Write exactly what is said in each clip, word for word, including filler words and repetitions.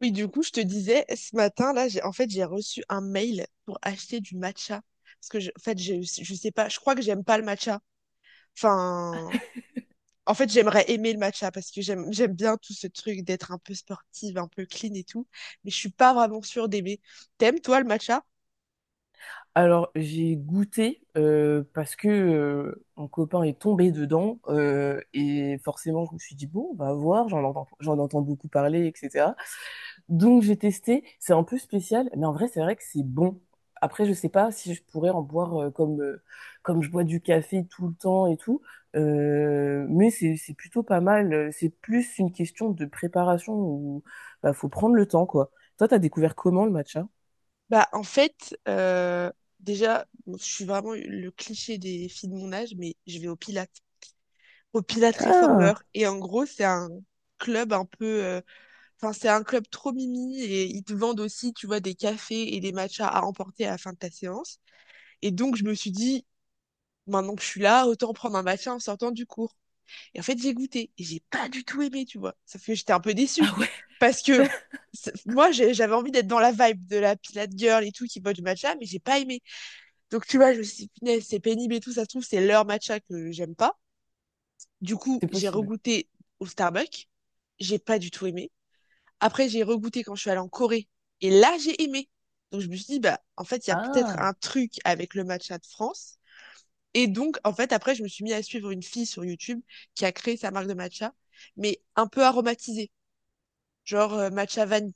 Oui, du coup, je te disais, ce matin, là, j'ai, en fait, j'ai reçu un mail pour acheter du matcha. Parce que, je, en fait, je, je sais pas, je crois que j'aime pas le matcha. Enfin, en fait, J'aimerais aimer le matcha parce que j'aime, j'aime bien tout ce truc d'être un peu sportive, un peu clean et tout. Mais je suis pas vraiment sûre d'aimer. T'aimes, toi, le matcha? Alors, j'ai goûté euh, parce que euh, un copain est tombé dedans euh, et forcément, je me suis dit, bon, on va voir, j'en entends, j'en entends beaucoup parler, et cetera. Donc, j'ai testé, c'est un peu spécial, mais en vrai, c'est vrai que c'est bon. Après, je sais pas si je pourrais en boire euh, comme, euh, comme je bois du café tout le temps et tout, euh, mais c'est, c'est plutôt pas mal. C'est plus une question de préparation où bah, faut prendre le temps, quoi. Toi, t'as découvert comment le matcha? Bah, en fait, euh, déjà, bon, je suis vraiment le cliché des filles de mon âge, mais je vais au Pilates. Au Pilates Ah, Réformeur. Et en gros, c'est un club un peu euh, Enfin, c'est un club trop mimi et ils te vendent aussi, tu vois, des cafés et des matchas à emporter à la fin de ta séance. Et donc, je me suis dit, maintenant que je suis là, autant prendre un matcha en sortant du cours. Et en fait, j'ai goûté et j'ai pas du tout aimé, tu vois. Ça fait que j'étais un peu déçue parce que c'est- moi, j'ai- j'avais envie d'être dans la vibe de la Pilate Girl et tout qui boit du matcha, mais j'ai pas aimé. Donc, tu vois, je me suis dit, punaise, c'est pénible et tout, ça se trouve, c'est leur matcha que j'aime pas. Du coup, c'est j'ai possible. regoûté au Starbucks. J'ai pas du tout aimé. Après, j'ai regoûté quand je suis allée en Corée. Et là, j'ai aimé. Donc, je me suis dit, bah, en fait, il y a peut-être Ah. un truc avec le matcha de France. Et donc, en fait, après, je me suis mis à suivre une fille sur YouTube qui a créé sa marque de matcha, mais un peu aromatisée, genre euh, matcha vanille.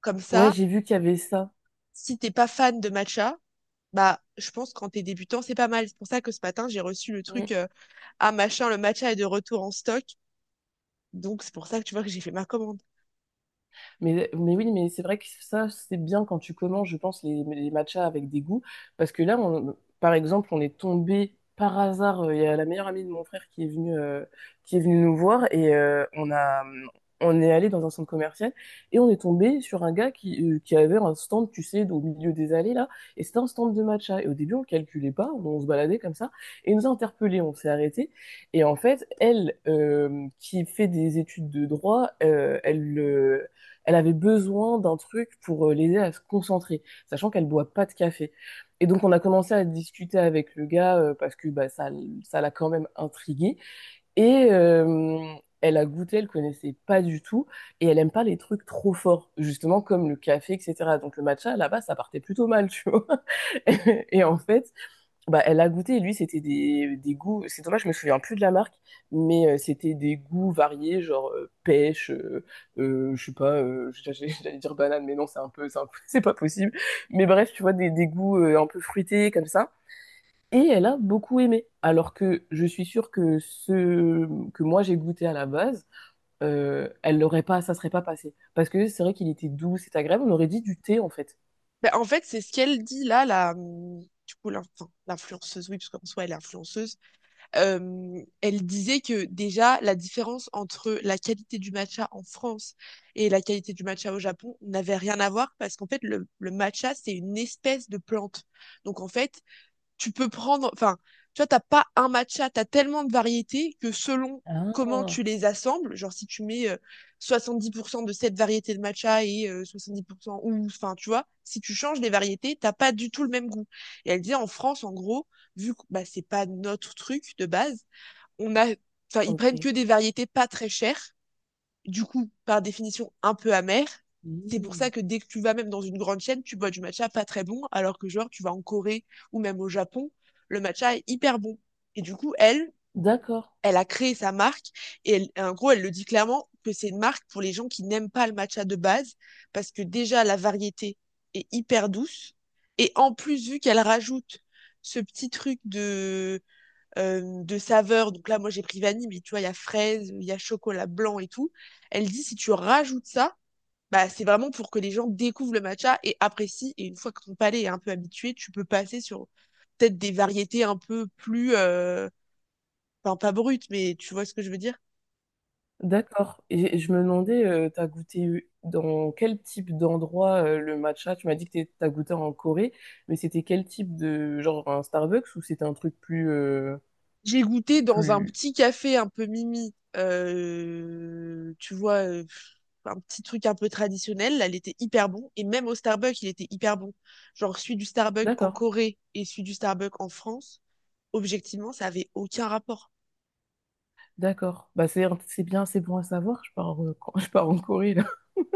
Comme Ouais, ça, j'ai vu qu'il y avait ça. si t'es pas fan de matcha, bah, je pense quand t'es débutant, c'est pas mal. C'est pour ça que ce matin, j'ai reçu le Mm. truc, euh, ah, machin, le matcha est de retour en stock. Donc, c'est pour ça que tu vois que j'ai fait ma commande. Mais, mais oui, mais c'est vrai que ça, c'est bien quand tu commences, je pense, les, les matchas avec des goûts. Parce que là, on- par exemple, on est tombé par hasard. euh, Il y a la meilleure amie de mon frère qui est venue, euh, qui est venue nous voir et euh, on a, on est allé dans un centre commercial et on est tombé sur un gars qui, euh, qui avait un stand, tu sais, au milieu des allées là. Et c'était un stand de matcha. Et au début, on calculait pas, on se baladait comme ça. Et il nous a interpellés, on s'est arrêté. Et en fait, elle, euh, qui fait des études de droit, euh, elle, euh, elle avait besoin d'un truc pour euh, l'aider à se concentrer, sachant qu'elle boit pas de café. Et donc on a commencé à discuter avec le gars euh, parce que bah, ça, ça l'a quand même intriguée. Et euh, elle a goûté, elle connaissait pas du tout et elle aime pas les trucs trop forts, justement comme le café, et cetera. Donc le matcha là-bas ça partait plutôt mal, tu vois. Et en fait bah, elle a goûté, lui, c'était des, des goûts. C'est dommage, je me souviens plus de la marque, mais euh, c'était des goûts variés, genre euh, pêche, euh, euh, je sais pas, euh, j'allais j'allais dire banane, mais non, c'est un peu, c'est un peu- c'est pas possible. Mais bref, tu vois, des, des goûts euh, un peu fruités, comme ça. Et elle a beaucoup aimé. Alors que je suis sûre que ce que moi j'ai goûté à la base, euh, elle l'aurait pas, ça serait pas passé. Parce que c'est vrai qu'il était doux, c'est agréable, on aurait dit du thé, en fait. Ben, en fait, c'est ce qu'elle dit là, la, hum, du coup, l'in- enfin, l'influenceuse, oui, parce qu'en soi, elle est influenceuse. Euh, elle disait que déjà, la différence entre la qualité du matcha en France et la qualité du matcha au Japon n'avait rien à voir parce qu'en fait, le, le matcha, c'est une espèce de plante. Donc, en fait, tu peux prendre, enfin, tu vois, t'as pas un matcha, t'as tellement de variétés que selon comment Ah, tu les assembles, genre si tu mets euh, soixante-dix pour cent de cette variété de matcha et euh, soixante-dix pour cent ou, enfin, tu vois, si tu changes les variétés, t'as pas du tout le même goût. Et elle disait en France, en gros, vu que bah, c'est pas notre truc de base, on a, enfin, ils prennent ok. que des variétés pas très chères, du coup, par définition, un peu amer. C'est pour ça Hmm. que dès que tu vas même dans une grande chaîne, tu bois du matcha pas très bon, alors que genre, tu vas en Corée ou même au Japon, le matcha est hyper bon. Et du coup, elle, D'accord. elle a créé sa marque et elle- en gros, elle le dit clairement que c'est une marque pour les gens qui n'aiment pas le matcha de base, parce que déjà, la variété est hyper douce. Et en plus, vu qu'elle rajoute ce petit truc de euh, de saveurs. Donc là, moi, j'ai pris vanille, mais tu vois, il y a fraise, il y a chocolat blanc et tout. Elle dit, si tu rajoutes ça, bah, c'est vraiment pour que les gens découvrent le matcha et apprécient. Et une fois que ton palais est un peu habitué, tu peux passer sur peut-être des variétés un peu plus, euh, enfin, pas brutes, mais tu vois ce que je veux dire? D'accord. Et et je me demandais, euh, t'as goûté eu- dans quel type d'endroit euh, le matcha? Tu m'as dit que t'es- t'as goûté en Corée, mais c'était quel type de genre un Starbucks ou c'était un truc plus euh, J'ai goûté dans un plus. petit café un peu mimi, euh, tu vois, euh, un petit truc un peu traditionnel. Là, il était hyper bon. Et même au Starbucks, il était hyper bon. Genre, celui du Starbucks en D'accord. Corée et celui du Starbucks en France, objectivement, ça avait aucun rapport. D'accord. Bah, c'est, c'est bien, c'est bon à savoir. Je pars, euh, quand- je pars en Corée, là.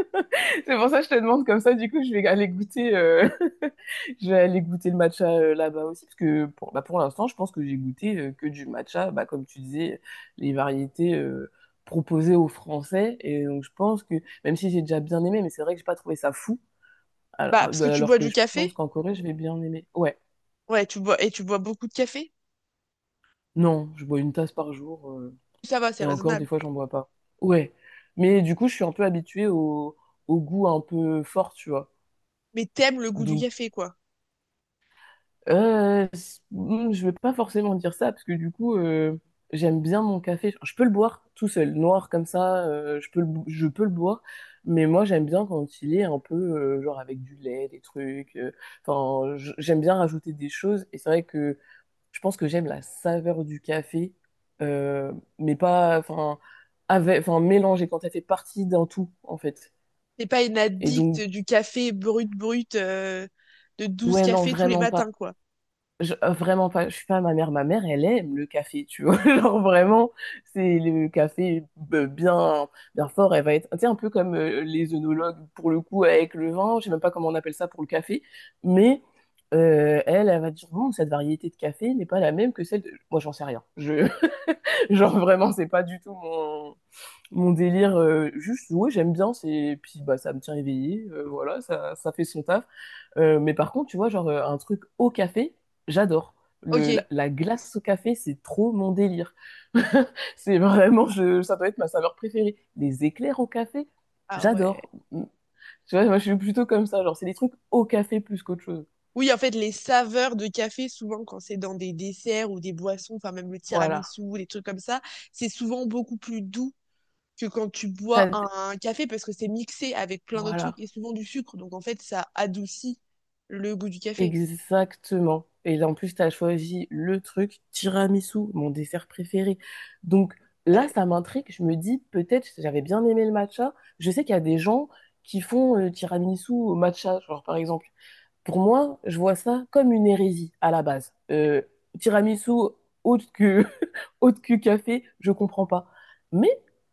C'est pour ça que je te demande comme ça. Du coup, je vais aller goûter, euh, je vais aller goûter le matcha euh, là-bas aussi. Parce que pour, bah, pour l'instant, je pense que j'ai goûté euh, que du matcha. Bah, comme tu disais, les variétés euh, proposées aux Français. Et donc, je pense que, même si j'ai déjà bien aimé, mais c'est vrai que j'ai pas trouvé ça fou. Bah, parce Alors, que tu alors bois que du je pense café, qu'en Corée, je vais bien aimer. Ouais. ouais, tu bois, et tu bois beaucoup de café, Non, je bois une tasse par jour. euh, ça va, c'est Et encore, raisonnable. des fois, j'en bois pas. Ouais. Mais du coup, je suis un peu habituée au, au goût un peu fort, tu vois. Mais t'aimes le goût du Donc, café, quoi. euh, c- mm, je vais pas forcément dire ça, parce que du coup, euh, j'aime bien mon café. Je peux le boire tout seul, noir comme ça, euh, je peux le, bo- je peux le boire. Mais moi, j'aime bien quand il est un peu, euh, genre, avec du lait, des trucs. euh, Enfin, j- j'aime bien rajouter des choses. Et c'est vrai que je pense que j'aime la saveur du café, euh, mais pas, enfin, avec, enfin, mélangé quand elle fait partie d'un tout, en fait. T'es pas une Et addict donc, du café brut, brut, euh, de douze ouais, non, cafés tous les vraiment matins, pas. quoi. Je- euh, vraiment pas. Je suis pas ma mère. Ma mère, elle aime le café, tu vois. Genre vraiment, c'est le café euh, bien, bien fort. Elle va être, tu sais, un peu comme euh, les œnologues pour le coup avec le vin. Je sais même pas comment on appelle ça pour le café, mais euh, elle, elle va dire non, cette variété de café n'est pas la même que celle de. Moi, j'en sais rien. Je... Genre vraiment, c'est pas du tout mon, mon délire. euh, juste, ouais, j'aime bien, c'est puis bah ça me tient éveillé, euh, voilà, ça, ça fait son taf. Euh, mais par contre, tu vois, genre euh, un truc au café, j'adore. Le, la, Ok. la glace au café, c'est trop mon délire. C'est vraiment, je, ça doit être ma saveur préférée. Les éclairs au café, Ah ouais. j'adore. Tu vois, moi je suis plutôt comme ça, genre c'est des trucs au café plus qu'autre chose. Oui, en fait, les saveurs de café, souvent, quand c'est dans des desserts ou des boissons, enfin, même le Voilà. tiramisu, les trucs comme ça, c'est souvent beaucoup plus doux que quand tu bois T'as- un, un café parce que c'est mixé avec plein d'autres trucs Voilà. et souvent du sucre. Donc, en fait, ça adoucit le goût du café. Exactement. Et là, en plus, tu as choisi le truc tiramisu, mon dessert préféré. Donc là, ça m'intrigue. Je me dis, peut-être, j'avais bien aimé le matcha. Je sais qu'il y a des gens qui font le tiramisu au matcha, genre par exemple. Pour moi, je vois ça comme une hérésie à la base. Euh, tiramisu autre que, autre que café, je comprends pas. Mais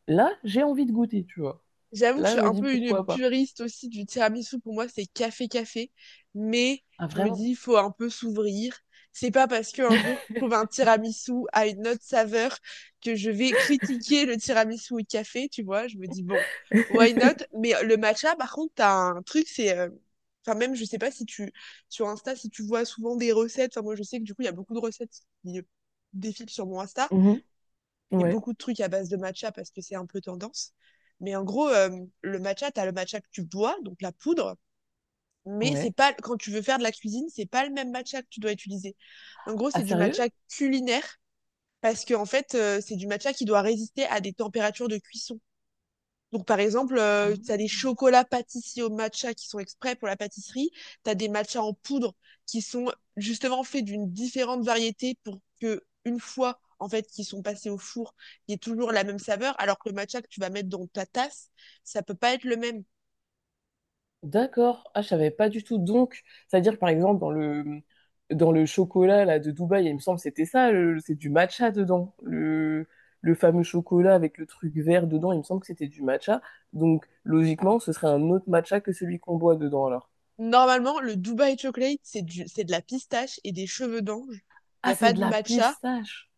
là, j'ai envie de goûter, tu vois. J'avoue que je Là, suis je me un dis, peu une pourquoi pas? puriste aussi du tiramisu. Pour moi, c'est café-café. Mais Ah, je me vraiment? dis, il faut un peu s'ouvrir. C'est pas parce qu'un jour, je trouve un tiramisu à une autre saveur que je vais critiquer le tiramisu au café, tu vois. Je me dis, bon, why not? Mais le matcha, par contre, t'as un truc, c'est... euh, Enfin, même, je sais pas si tu... Sur Insta, si tu vois souvent des recettes. Enfin, moi, je sais que du coup, il y a beaucoup de recettes qui défilent sur mon Insta Mhm. et Ouais. beaucoup de trucs à base de matcha parce que c'est un peu tendance. Mais en gros, euh, le matcha, tu as le matcha que tu bois, donc la poudre, mais c'est Ouais. pas quand tu veux faire de la cuisine, c'est pas le même matcha que tu dois utiliser. En gros, Ah, c'est du matcha sérieux? culinaire parce que en fait, euh, c'est du matcha qui doit résister à des températures de cuisson, donc, par exemple, euh, tu as des chocolats pâtissiers au matcha qui sont exprès pour la pâtisserie. Tu as des matchas en poudre qui sont justement faits d'une différente variété pour que, une fois, en fait, qu'ils sont passés au four, il y ait toujours la même saveur. Alors que le matcha que tu vas mettre dans ta tasse, ça peut pas être le même. D'accord. Ah, je savais pas du tout. Donc, c'est-à-dire, par exemple, dans le, dans le chocolat là, de Dubaï, il me semble que c'était ça, le- c'est du matcha dedans. Le, le fameux chocolat avec le truc vert dedans, il me semble que c'était du matcha. Donc, logiquement, ce serait un autre matcha que celui qu'on boit dedans, alors. Normalement, le Dubai Chocolate, c'est du, c'est de la pistache et des cheveux d'ange. Il n'y Ah, a c'est pas de de la matcha. pistache.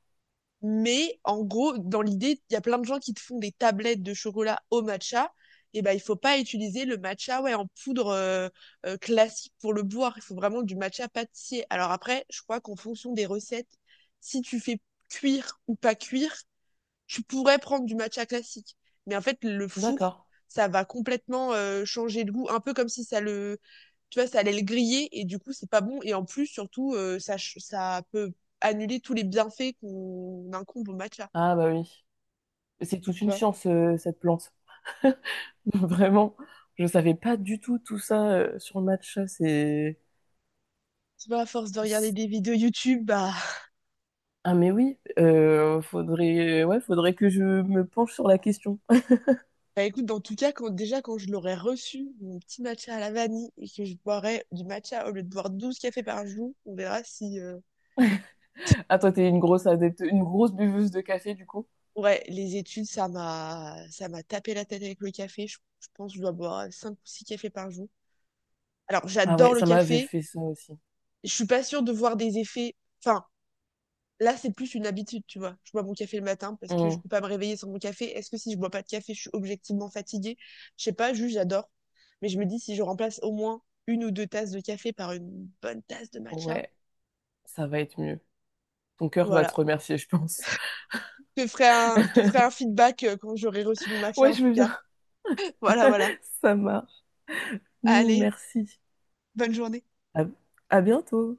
Mais en gros, dans l'idée, il y a plein de gens qui te font des tablettes de chocolat au matcha. Et ben, il faut pas utiliser le matcha ouais, en poudre euh, euh, classique pour le boire. Il faut vraiment du matcha pâtissier. Alors après, je crois qu'en fonction des recettes, si tu fais cuire ou pas cuire, tu pourrais prendre du matcha classique. Mais en fait, le four, D'accord. ça va complètement euh, changer le goût, un peu comme si ça le, tu vois, ça allait le griller et du coup, c'est pas bon. Et en plus, surtout, euh, ça, ch- ça peut annuler tous les bienfaits qu'on incombe au matcha. Ah, bah oui. C'est toute Tu une vois, science, euh, cette plante. Vraiment, je savais pas du tout tout ça euh, sur le matcha. C'est Tu vois, à force de regarder des vidéos YouTube, bah, ah mais oui, euh, faudrait, ouais, faudrait que je me penche sur la question. bah écoute, en tout cas, quand, déjà, quand je l'aurais reçu, mon petit matcha à la vanille, et que je boirais du matcha au lieu de boire douze cafés par jour, on verra si, euh, Ah toi t'es une grosse adepte, une grosse buveuse de café du coup? ouais, les études, ça m'a ça m'a tapé la tête avec le café. Je, je pense que je dois boire cinq ou six cafés par jour. Alors, Ah ouais, j'adore le ça m'avait café. fait ça aussi. Je suis pas sûre de voir des effets. Enfin, là, c'est plus une habitude, tu vois. Je bois mon café le matin parce que je Hmm, peux pas me réveiller sans mon café. Est-ce que si je bois pas de café, je suis objectivement fatiguée? Je sais pas, juste j'adore. Mais je me dis si je remplace au moins une ou deux tasses de café par une bonne tasse de matcha, ouais, ça va être mieux. Ton cœur va te voilà. remercier, je pense. Je te ferai un, je te ferai un feedback euh, quand j'aurai reçu mon matcha, Ouais, en je tout veux cas. bien. Voilà, voilà. Ça marche. Hmm, Allez, merci. bonne journée. À à bientôt.